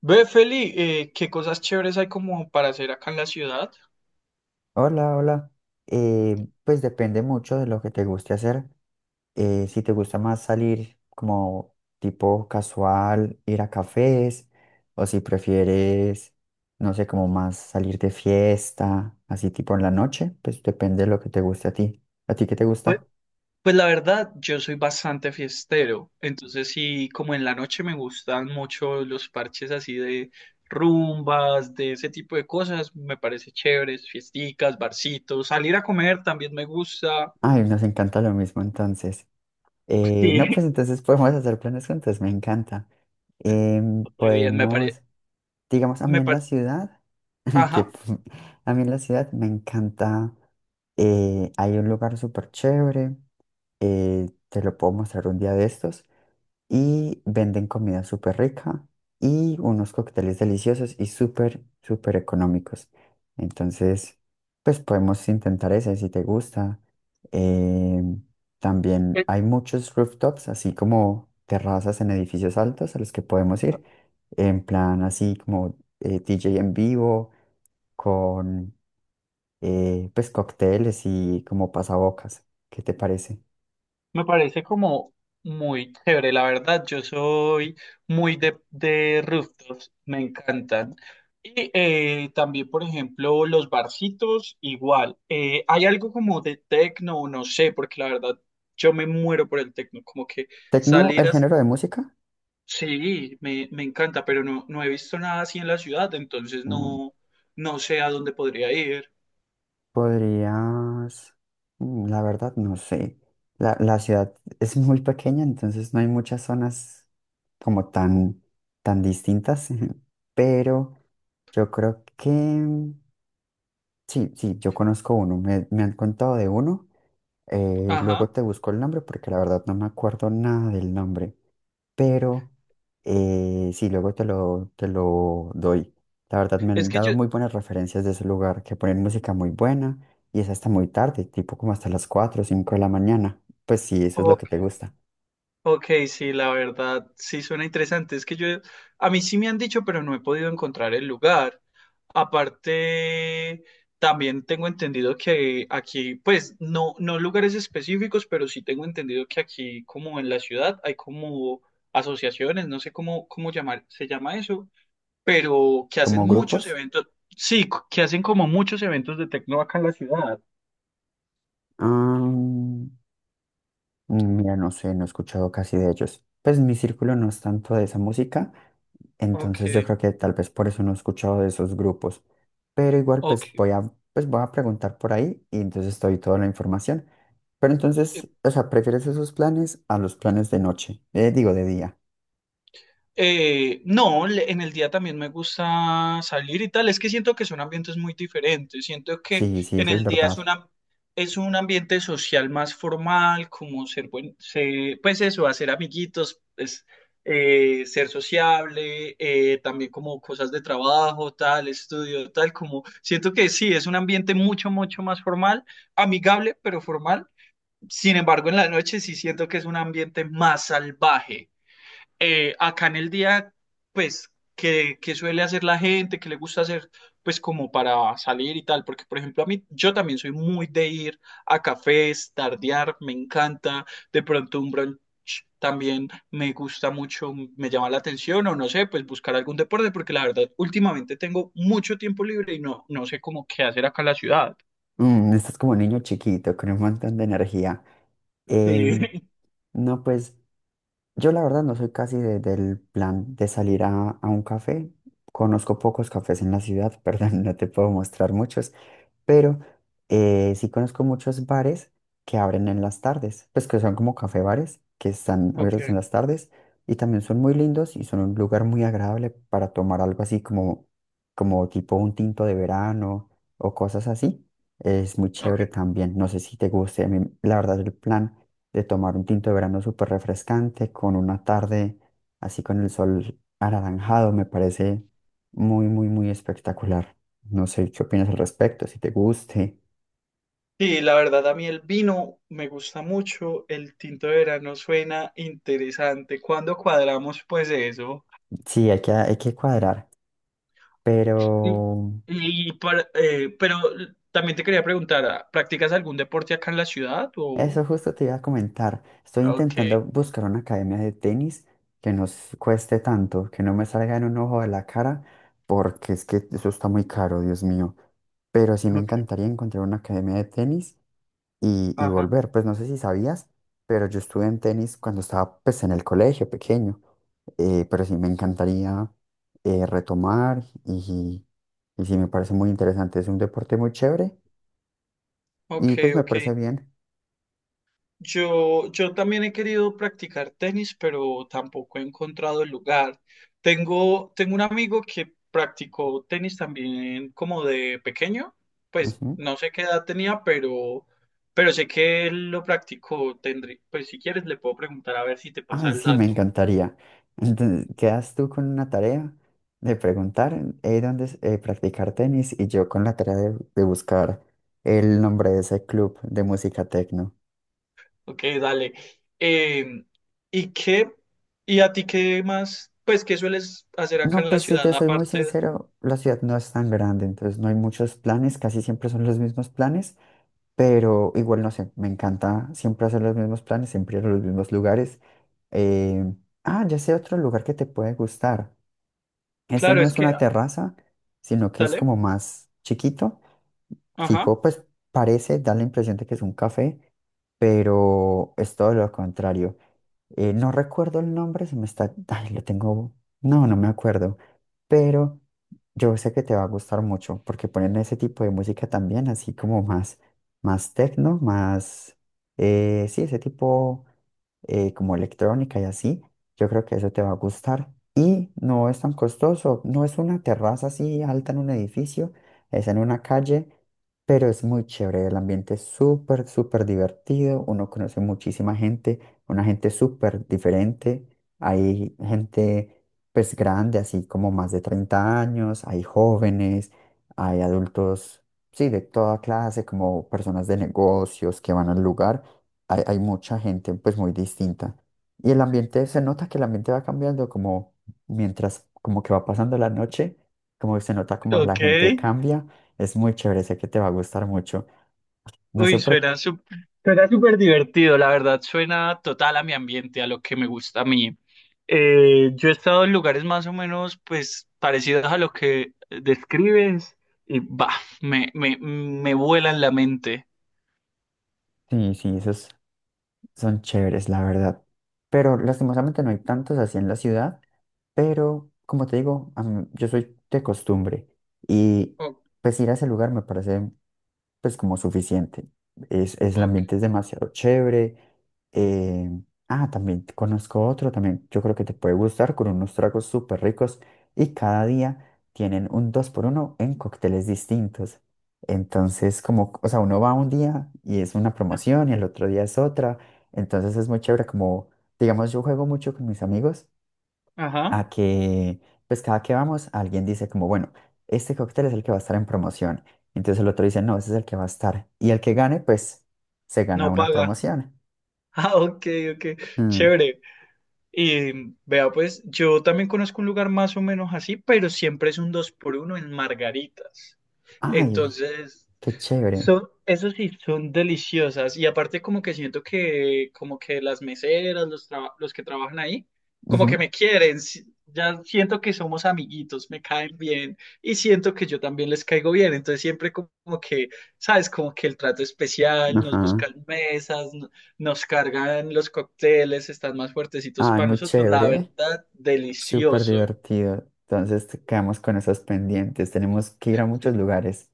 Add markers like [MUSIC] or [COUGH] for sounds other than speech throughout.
Ve, Feli, ¿qué cosas chéveres hay como para hacer acá en la ciudad? Hola, hola. Pues depende mucho de lo que te guste hacer. Si te gusta más salir como tipo casual, ir a cafés, o si prefieres, no sé, como más salir de fiesta, así tipo en la noche, pues depende de lo que te guste a ti. ¿A ti qué te Pues, gusta? pues la verdad, yo soy bastante fiestero, entonces sí, como en la noche me gustan mucho los parches así de rumbas, de ese tipo de cosas, me parece chéveres, fiesticas, barcitos, salir a comer también me gusta, Ay, nos encanta lo mismo entonces. [LAUGHS] No, pues sí, entonces [LAUGHS] podemos hacer planes juntos, me encanta. Re bien, me parece. Podemos... Digamos, a mí Me en la par- ciudad, [LAUGHS] que Ajá, pu- a mí en la ciudad me encanta, hay un lugar súper chévere, te lo puedo mostrar un día de estos, y venden comida súper rica y unos cócteles deliciosos y súper, súper económicos. Entonces, pues podemos intentar ese si te gusta. Eh, También eh, hay muchos rooftops, así como terrazas en edificios altos a los que podemos ir, en plan así como DJ en vivo, con pues cócteles y como pasabocas. ¿Qué te parece? me parece como muy chévere, la verdad. Yo soy muy de rooftops, me encantan. Y también, por ejemplo, los barcitos, igual. Hay algo como de tecno, no sé, porque la verdad yo me muero por el tecno, como que ¿Tecno, el salir a... género de música? Sí, me encanta, pero no, no he visto nada así en la ciudad, entonces mm, no, no sé a dónde podría ir. Podrías, la verdad, no sé. La ciudad es muy pequeña, entonces no hay muchas zonas como tan, tan distintas, [LAUGHS] pero yo creo que sí, sí, yo conozco uno, me han contado de uno, Ajá. luego te busco el nombre porque la verdad no me acuerdo nada del nombre, pero sí, luego te lo doy. La verdad me Es han que dado yo, muy buenas referencias de ese lugar, que ponen música muy buena y es hasta muy tarde, tipo como hasta las 4 o 5 de la mañana. Pues sí, eso es lo que ok. te gusta. Ok, sí, la verdad, sí suena interesante. Es que yo, a mí sí me han dicho, pero no he podido encontrar el lugar. Aparte, también tengo entendido que aquí, pues, no, no lugares específicos, pero sí tengo entendido que aquí, como en la ciudad, hay como asociaciones, no sé cómo, cómo llamar, se llama eso, pero que hacen ¿Como grupos? muchos eventos, sí, que hacen como muchos eventos de tecno acá en la ciudad. Am, Mira, no sé, no he escuchado casi de ellos. Pues mi círculo no es tanto de esa música, Ok, entonces yo creo que tal vez por eso no he escuchado de esos grupos. Pero igual ok. Pues voy a preguntar por ahí y entonces te doy toda la información. Pero entonces, o sea, prefieres esos planes a los planes de noche, digo de día. No, le- en el día también me gusta salir y tal. Es que siento que son ambientes muy diferentes. Siento que Sí, sí, en eso es el día es verdad. una, es un ambiente social más formal, como ser buen, se- pues eso, hacer amiguitos, pues, ser sociable, también como cosas de trabajo, tal, estudio, tal, como siento que sí, es un ambiente mucho, mucho más formal, amigable, pero formal. Sin embargo, en la noche sí siento que es un ambiente más salvaje acá en el día, pues, que suele hacer la gente, que le gusta hacer, pues, como para salir y tal, porque, por ejemplo, a mí, yo también soy muy de ir a cafés, tardear, me encanta, de pronto un brunch también me gusta mucho, me llama la atención, o no sé, pues, buscar algún deporte, porque la verdad, últimamente tengo mucho tiempo libre y no, no sé cómo qué hacer acá en la ciudad. Mm, estás como niño chiquito, con un montón de energía. Sí. Em, [LAUGHS] no, pues yo la verdad no soy casi del plan de salir a, un café. Conozco pocos cafés en la ciudad, [LAUGHS] perdón, no te puedo mostrar muchos. Pero sí conozco muchos bares que abren en las tardes, pues que son como café bares que están Ok, abiertos en las tardes y también son muy lindos y son un lugar muy agradable para tomar algo así como, como tipo un tinto de verano o cosas así. Es muy ok. chévere también, no sé si te guste, a mí la verdad el plan de tomar un tinto de verano súper refrescante con una tarde así con el sol anaranjado me parece muy, muy, muy espectacular. No sé qué opinas al respecto, si te guste. Sí, la verdad, a mí el vino me gusta mucho, el tinto de verano suena interesante. ¿Cuándo cuadramos pues eso? Sí, hay que cuadrar, Y, pero y para- pero también te quería preguntar, ¿practicas algún deporte acá en la ciudad o...? eso justo te iba a comentar. Estoy Ok, intentando buscar una academia de tenis que no cueste tanto, que no me salga en un ojo de la cara, porque es que eso está muy caro, Dios mío. Pero sí me ok, encantaría encontrar una academia de tenis y ajá, volver. Pues no sé si sabías, pero yo estuve en tenis cuando estaba pues en el colegio pequeño, pero sí me encantaría retomar y sí me parece muy interesante, es un deporte muy chévere ok, y pues me ok. parece bien. Yo también he querido practicar tenis, pero tampoco he encontrado el lugar. Tengo un amigo que practicó tenis también como de pequeño, pues Ujú. no sé qué edad tenía, pero sé que él lo practicó. Tendré, pues si quieres le puedo preguntar a ver si te pasa Ay, el sí, me dato. encantaría. Entonces, quedas tú con una tarea de preguntar dónde es, practicar tenis y yo con la tarea de buscar el nombre de ese club de música tecno. Ok, dale. Em, ¿Y qué, y a ti qué más, pues qué sueles hacer acá No, en la pues si te ciudad soy muy aparte? sincero, la ciudad no es tan grande, entonces no hay muchos planes, casi siempre son los mismos planes, pero igual no sé, me encanta siempre hacer los mismos planes, siempre ir a los mismos lugares. Eh, ah, ya sé otro lugar que te puede gustar. Este Claro, no es es que, una terraza, sino que es dale. como más chiquito, tipo, Ajá. pues parece, da la impresión de que es un café, pero es todo lo contrario. No recuerdo el nombre, se me está... Ay, lo tengo... No, no me acuerdo. Pero yo sé que te va a gustar mucho porque ponen ese tipo de música también, así como más, más techno, más... sí, ese tipo como electrónica y así. Yo creo que eso te va a gustar. Y no es tan costoso. No es una terraza así alta en un edificio, es en una calle, pero es muy chévere. El ambiente es súper, súper divertido. Uno conoce muchísima gente, una gente súper diferente. Hay gente pues grande, así como más de 30 años, hay jóvenes, hay adultos, sí, de toda clase, como personas de negocios que van al lugar. Hay mucha gente pues muy distinta. Y el ambiente, se nota que el ambiente va cambiando como mientras como que va pasando la noche, como se nota como la Ok. gente cambia. Es muy chévere, sé que te va a gustar mucho. No Uy, sé por qué. suena sup- suena súper divertido, la verdad, suena total a mi ambiente, a lo que me gusta a mí. Yo he estado en lugares más o menos, pues, parecidos a lo que describes y, bah, me vuela en la mente. Sí, sí, eso es Son chéveres, la verdad. Pero lastimosamente no hay tantos así en la ciudad. Pero como te digo, yo soy de costumbre. Y Oh, pues ir a ese lugar me parece pues como suficiente. El ok. ambiente es demasiado chévere. eh, ah, también te conozco otro, también yo creo que te puede gustar, con unos tragos súper ricos y cada día tienen un 2 por uno en cócteles distintos. Entonces, como, o sea, uno va un día y es una Ah, promoción y el otro día es otra. Entonces es muy chévere, como, digamos, yo juego mucho con mis amigos Ajá, a que, pues cada que vamos, alguien dice como, bueno, este cóctel es el que va a estar en promoción. Entonces el otro dice, no, ese es el que va a estar. Y el que gane, pues se gana no una paga. [LAUGHS] promoción. Ah, ok, ok, Mm, chévere. Y vea, pues, yo también conozco un lugar más o menos así, pero siempre es un dos por uno en Margaritas. Ay, Entonces... qué chévere. Son, eso sí, son deliciosas. Y aparte como que siento que como que las meseras, los, traba- los que trabajan ahí, como Ujú. que me quieren. Si- Ya siento que somos amiguitos, me caen bien y siento que yo también les caigo bien. Entonces siempre como como que, ¿sabes? Como que el trato especial, nos Ajá. buscan mesas, no- nos cargan los cócteles, están más fuertecitos Ay, para muy nosotros. La chévere. verdad, Súper delicioso. divertido. Entonces quedamos con esos pendientes. Tenemos que ir a muchos Sí. lugares.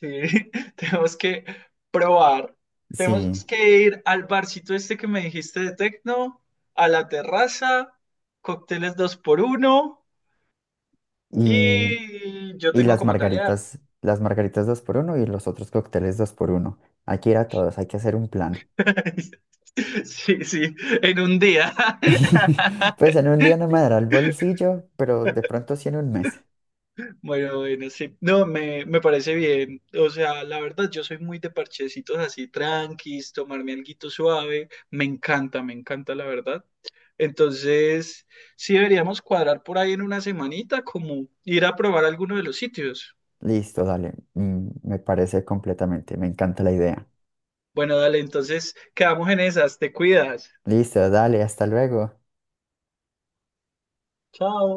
Sí, [LAUGHS] tenemos que probar. Tenemos Sí. que ir al barcito este que me dijiste de Tecno, a la terraza, cócteles dos por uno Y, y yo y tengo las como tarea. margaritas, las margaritas dos por uno y los otros cócteles dos por uno. Hay que ir a todos, hay que hacer un plan. [LAUGHS] Sí, sí, en un día. [LAUGHS] Pues [LAUGHS] en un día no me dará el bolsillo, pero de pronto sí en un mes. Bueno, bueno, sí. No, me parece bien. O sea, la verdad, yo soy muy de parchecitos así, tranquis, tomarme alguito suave. Me encanta, la verdad. Entonces, sí deberíamos cuadrar por ahí en una semanita, como ir a probar alguno de los sitios. Listo, dale. Me parece completamente. Me encanta la idea. Bueno, dale, entonces quedamos en esas. Te cuidas. Listo, dale, hasta luego. Chao.